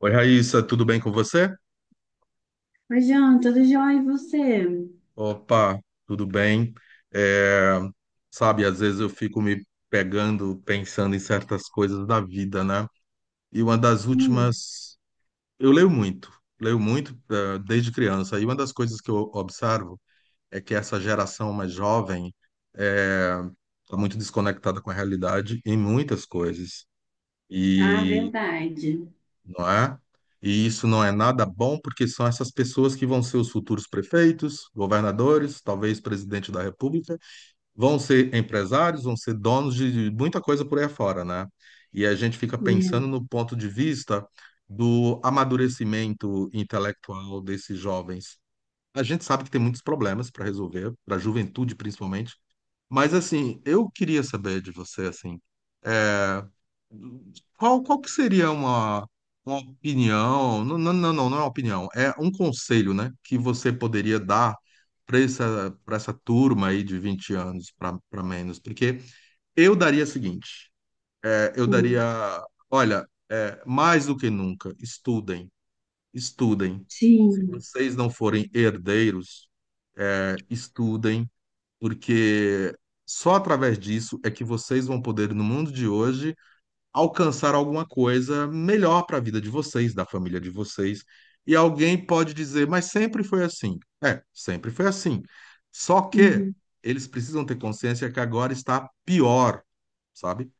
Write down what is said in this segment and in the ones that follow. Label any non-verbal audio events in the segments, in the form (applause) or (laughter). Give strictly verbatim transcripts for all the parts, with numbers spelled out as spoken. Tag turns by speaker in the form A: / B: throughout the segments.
A: Oi, Raíssa, tudo bem com você?
B: Oi, João, tudo jóia? E você?
A: Opa, tudo bem. É, sabe, às vezes eu fico me pegando, pensando em certas coisas da vida, né? E uma das
B: Hum.
A: últimas, eu leio muito, leio muito, eh, desde criança. E uma das coisas que eu observo é que essa geração mais jovem está muito desconectada com a realidade em muitas coisas.
B: Ah,
A: E
B: verdade.
A: não é? E isso não é nada bom, porque são essas pessoas que vão ser os futuros prefeitos, governadores, talvez presidente da República, vão ser empresários, vão ser donos de muita coisa por aí afora, né? E a gente fica pensando
B: É.
A: no ponto de vista do amadurecimento intelectual desses jovens. A gente sabe que tem muitos problemas para resolver, para a juventude principalmente, mas assim, eu queria saber de você assim. Qual, qual que seria uma, uma opinião? Não, não, não, não não é uma opinião, é um conselho, né, que você poderia dar para essa, para essa turma aí de vinte anos para menos? Porque eu daria o seguinte: é, eu daria,
B: Hum.
A: olha, é, mais do que nunca, estudem, estudem. Se
B: Sim.
A: vocês não forem herdeiros, é, estudem, porque só através disso é que vocês vão poder, no mundo de hoje, alcançar alguma coisa melhor para a vida de vocês, da família de vocês. E alguém pode dizer, mas sempre foi assim. É, sempre foi assim. Só que
B: Uhum.
A: eles precisam ter consciência que agora está pior, sabe?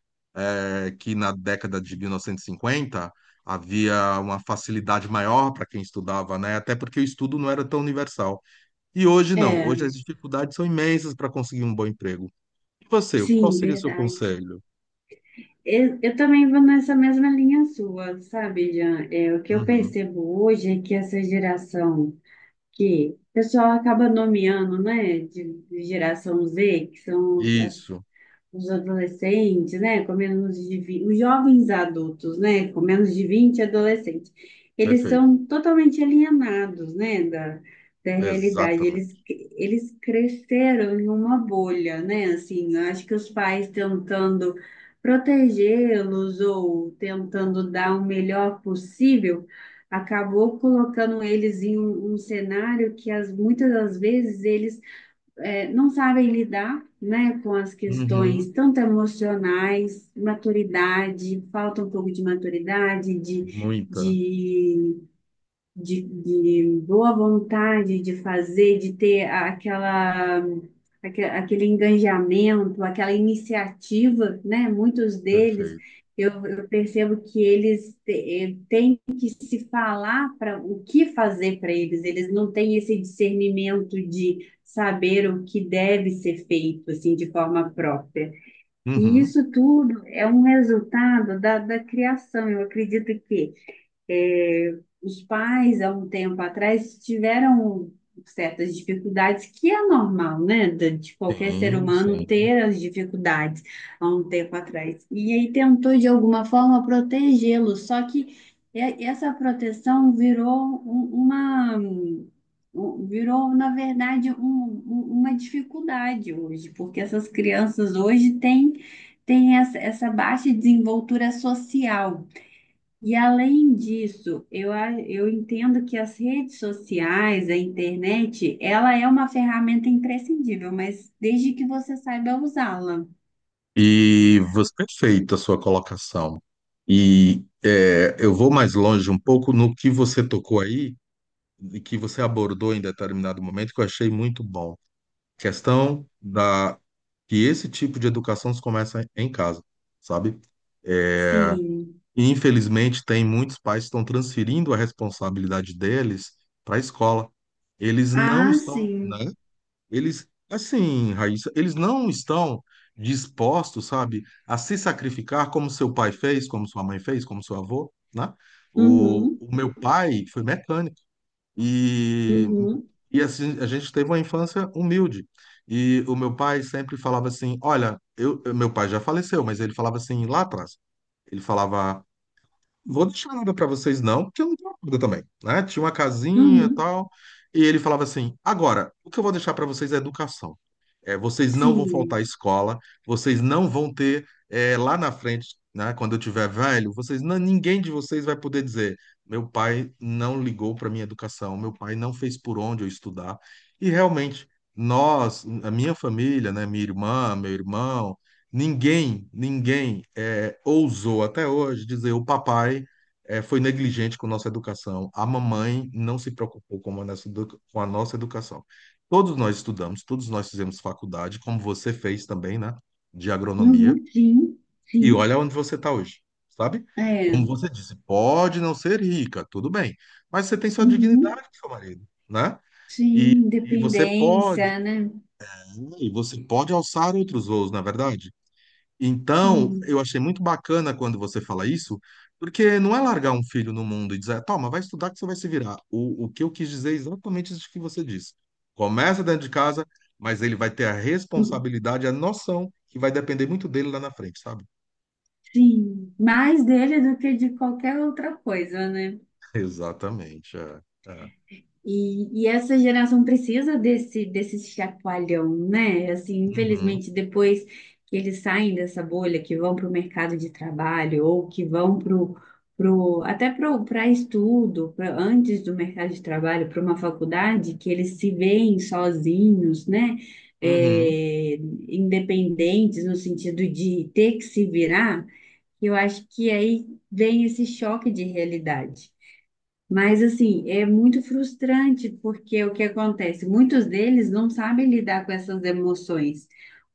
A: É que na década de mil novecentos e cinquenta havia uma facilidade maior para quem estudava, né? Até porque o estudo não era tão universal. E hoje não. Hoje
B: É.
A: as dificuldades são imensas para conseguir um bom emprego. E você, qual
B: Sim.
A: seria o seu
B: Verdade.
A: conselho?
B: Eu, eu também vou nessa mesma linha sua, sabe, Jean? É, o que eu
A: Uhum.
B: percebo hoje é que essa geração que o pessoal acaba nomeando, né, de, de geração Z, que são os- as
A: Isso,
B: os adolescentes, né, com menos de vinte, os jovens adultos, né, com menos de vinte, adolescentes, eles
A: perfeito.
B: são totalmente alienados, né, da, da realidade. Eles,
A: Exatamente.
B: eles cresceram em uma bolha, né, assim, eu acho que os pais tentando protegê-los ou tentando dar o melhor possível, acabou colocando eles em um, um cenário que as, muitas das vezes eles é, não sabem lidar, né, com as
A: Uhum.
B: questões tanto emocionais, maturidade, falta um pouco de maturidade, de,
A: Muita.
B: de de, de boa vontade de fazer, de ter aquela, aque- aquele engajamento, aquela iniciativa, né? Muitos deles,
A: Perfeito.
B: eu, eu percebo que eles te- eh, têm que se falar para o que fazer para eles, eles não têm esse discernimento de saber o que deve ser feito, assim, de forma própria. E
A: Uhum.
B: isso tudo é um resultado da, da criação. Eu acredito que é, os pais, há um tempo atrás, tiveram certas dificuldades, que é normal, né? De de qualquer ser
A: Sim,
B: humano
A: sim.
B: ter as dificuldades há um tempo atrás. E aí tentou, de alguma forma, protegê-lo, só que é- essa proteção virou um- uma. um- Virou, na verdade, um- um- uma dificuldade hoje, porque essas crianças hoje têm, têm essa, essa baixa desenvoltura social. E além disso, eu, a- eu entendo que as redes sociais, a internet, ela é uma ferramenta imprescindível, mas desde que você saiba usá-la.
A: E você, perfeita a sua colocação. E é, eu vou mais longe um pouco no que você tocou aí, e que você abordou em determinado momento, que eu achei muito bom. Questão da que esse tipo de educação se começa em casa, sabe? É,
B: Sim.
A: Infelizmente, tem muitos pais que estão transferindo a responsabilidade deles para a escola. Eles não
B: Ah,
A: estão, né?
B: sim.
A: Eles, assim, Raíssa, eles não estão dispostos, sabe, a se sacrificar como seu pai fez, como sua mãe fez, como seu avô, né? O,
B: Uhum,
A: o meu pai foi mecânico e,
B: uhum,
A: e assim, a gente teve uma infância humilde. E o meu pai sempre falava assim: olha, eu, meu pai já faleceu, mas ele falava assim lá atrás. Ele falava: vou deixar nada pra vocês não, porque eu não tenho nada também, né? Tinha uma casinha e
B: uhum.
A: tal, e ele falava assim: agora, o que eu vou deixar pra vocês é educação. É, vocês não vão faltar à
B: Sim.
A: escola, vocês não vão ter é, lá na frente, né? Quando eu tiver velho, vocês não- ninguém de vocês vai poder dizer: meu pai não ligou pra minha educação, meu pai não fez por onde eu estudar. E realmente nós, a minha família, né? Minha irmã, meu irmão. Ninguém, ninguém é, ousou até hoje dizer o papai é, foi negligente com nossa educação, a mamãe não se preocupou com a nossa edu- com a nossa educação. Todos nós estudamos, todos nós fizemos faculdade, como você fez também, né, de agronomia,
B: Uhum, sim,
A: e
B: sim.
A: olha onde você está hoje, sabe? Como
B: É.
A: você disse, pode não ser rica, tudo bem, mas você tem sua
B: Uhum,
A: dignidade, seu marido, né? E,
B: sim.
A: e você pode,
B: Dependência, né?
A: e você pode alçar outros voos, na verdade. Então,
B: Sim.
A: eu achei muito bacana quando você fala isso, porque não é largar um filho no mundo e dizer, toma, vai estudar que você vai se virar. O, o que eu quis dizer é exatamente isso que você disse. Começa dentro de casa, mas ele vai ter a responsabilidade, a noção, que vai depender muito dele lá na frente, sabe?
B: Sim. Mais dele do que de qualquer outra coisa, né?
A: (laughs) Exatamente. É, é.
B: E, e essa geração precisa desse, desse chacoalhão, né? Assim,
A: Uhum,
B: infelizmente, depois que eles saem dessa bolha, que vão para o mercado de trabalho ou que vão pro, pro, até para estudo, pra- antes do mercado de trabalho, para uma faculdade, que eles se veem sozinhos, né?
A: uhum,
B: É, independentes no sentido de ter que se virar, eu acho que aí vem esse choque de realidade. Mas assim, é muito frustrante porque o que acontece? Muitos deles não sabem lidar com essas emoções.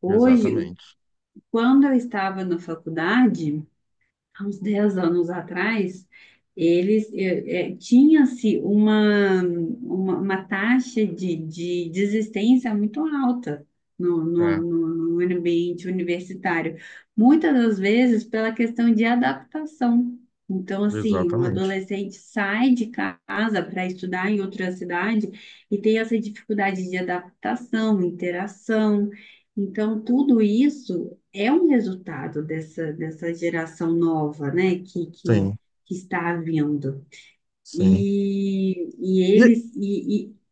B: Hoje,
A: exatamente.
B: quando eu estava na faculdade, há uns dez anos atrás, eles eh, eh, tinha-se uma, uma, uma taxa de, de desistência muito alta no, no,
A: É,
B: no, no ambiente universitário, muitas das vezes pela questão de adaptação. Então, assim, um
A: exatamente.
B: adolescente sai de casa para estudar em outra cidade e tem essa dificuldade de adaptação, interação. Então, tudo isso é um resultado dessa, dessa geração nova, né, que, que,
A: Sim,
B: que está vindo.
A: sim.
B: E, e
A: E,
B: eles, e, e-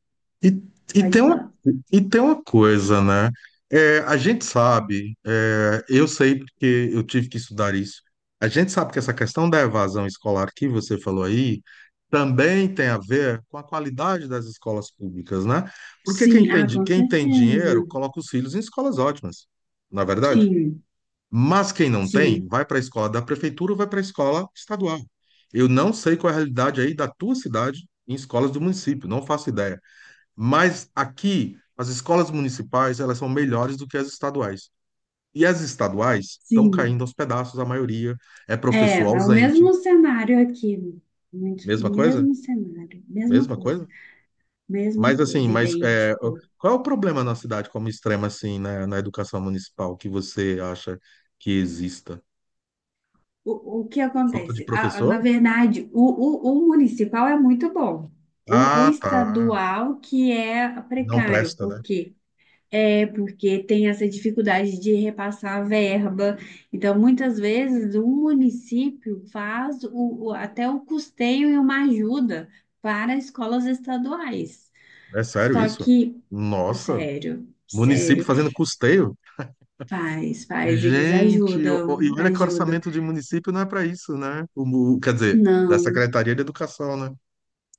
A: E, e, tem
B: Pode
A: uma,
B: falar.
A: e tem uma coisa, né? É, a gente sabe, é, eu sei porque eu tive que estudar isso. A gente sabe que essa questão da evasão escolar que você falou aí também tem a ver com a qualidade das escolas públicas, né? Porque quem
B: Sim,
A: tem,
B: ah,
A: di-
B: com
A: quem tem dinheiro
B: certeza,
A: coloca os filhos em escolas ótimas, na verdade.
B: sim,
A: Mas quem não tem,
B: sim,
A: vai para a escola da prefeitura ou vai para a escola estadual. Eu não sei qual é a realidade aí da tua cidade em escolas do município, não faço ideia. Mas aqui, as escolas municipais, elas são melhores do que as estaduais. E as estaduais estão
B: sim.
A: caindo aos pedaços, a maioria é
B: É,
A: professor
B: é o
A: ausente.
B: mesmo cenário aqui, muito,
A: Mesma coisa?
B: mesmo cenário, mesma
A: Mesma
B: coisa,
A: coisa? Mas
B: mesma
A: assim,
B: coisa,
A: mas é,
B: idêntico.
A: qual é o problema na cidade como extrema assim, na, na educação municipal que você acha que exista?
B: O, o que
A: Falta de
B: acontece? Ah, na
A: professor?
B: verdade, o, o, o municipal é muito bom. O, o
A: Ah, tá.
B: estadual que é
A: Não
B: precário,
A: presta, né?
B: porque É, porque tem essa dificuldade de repassar a verba. Então, muitas vezes, o município faz o, o- até o custeio e uma ajuda para escolas estaduais.
A: É sério
B: Só
A: isso?
B: que,
A: Nossa,
B: sério,
A: município
B: sério,
A: fazendo custeio?
B: faz, faz, eles
A: Gente, o- o- e
B: ajudam,
A: olha que o
B: ajudam.
A: orçamento de município não é para isso, né? O, o- quer dizer, da
B: Não,
A: Secretaria de Educação, né?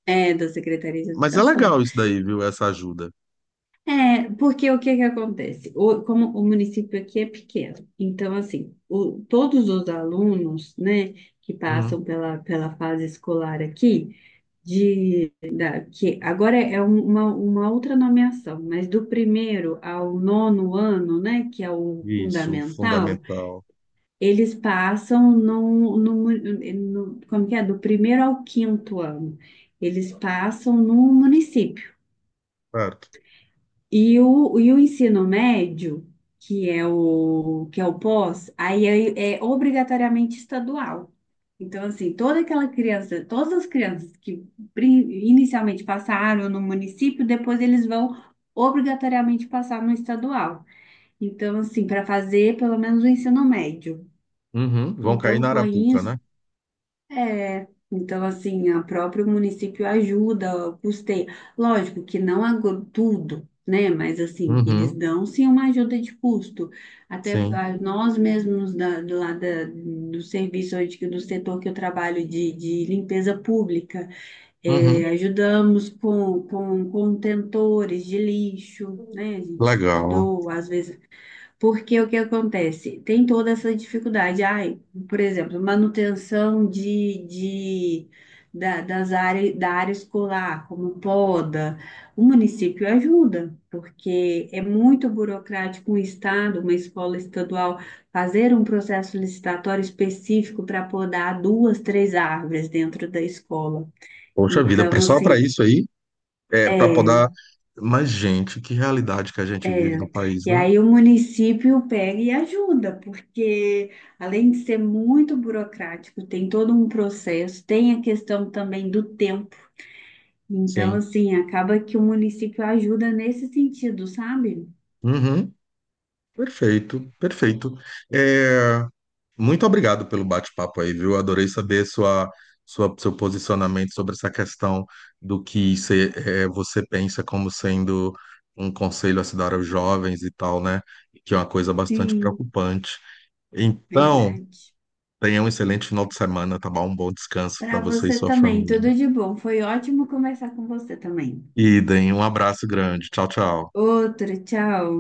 B: é da Secretaria de
A: Mas é
B: Educação.
A: legal isso daí, viu? Essa ajuda.
B: É, porque o que que acontece? O- como o município aqui é pequeno, então, assim, o- todos os alunos, né, que
A: Hum,
B: passam pela, pela fase escolar aqui, de, da, que agora é um- uma, uma outra nomeação, mas do primeiro ao nono ano, né, que é o
A: isso,
B: fundamental,
A: fundamental.
B: eles passam no. no, no, Como que é? Do primeiro ao quinto ano, eles passam no município.
A: Certo.
B: E o, e o ensino médio, que é o, que é o pós, aí é, é obrigatoriamente estadual. Então, assim, toda aquela criança, todas as crianças que pri- inicialmente passaram no município, depois eles vão obrigatoriamente passar no estadual. Então, assim, para fazer pelo menos o ensino médio.
A: Uhum, vão cair
B: Então,
A: na
B: com
A: Arapuca, né?
B: isso, é, então assim, o próprio município ajuda, custeia. Lógico que não agro- tudo, né? Mas assim, eles
A: Uhum,
B: dão sim uma ajuda de custo. Até
A: sim.
B: ah, nós mesmos da, do, lá da- do serviço onde, que- do setor que eu trabalho de, de limpeza pública,
A: Uhum,
B: é, ajudamos com, com contentores de lixo, né? A gente
A: legal.
B: doa, às vezes porque o que acontece? Tem toda essa dificuldade. Ai, por exemplo, manutenção de, de, da, das áreas, da área escolar, como poda. O município ajuda, porque é muito burocrático um estado, uma escola estadual, fazer um processo licitatório específico para podar duas, três árvores dentro da escola.
A: Poxa vida, pra-
B: Então,
A: só para
B: assim.
A: isso aí, é para
B: é
A: poder. Mas, gente, que realidade que a gente
B: É,
A: vive no país,
B: e
A: né?
B: aí o município pega e ajuda, porque além de ser muito burocrático, tem todo um processo, tem a questão também do tempo. Então,
A: Sim.
B: assim, acaba que o município ajuda nesse sentido, sabe?
A: Uhum, perfeito, perfeito. Muito obrigado pelo bate-papo aí, viu? Adorei saber sua, sua, seu posicionamento sobre essa questão do que cê, eh, você pensa como sendo um conselho a se dar aos jovens e tal, né? Que é uma coisa bastante
B: Sim,
A: preocupante. Então,
B: verdade.
A: tenha um excelente final de semana, tá bom? Um bom descanso para
B: Para
A: você e
B: você
A: sua
B: também,
A: família.
B: tudo de bom. Foi ótimo conversar com você também.
A: E deem um abraço grande. Tchau, tchau.
B: Outro, tchau.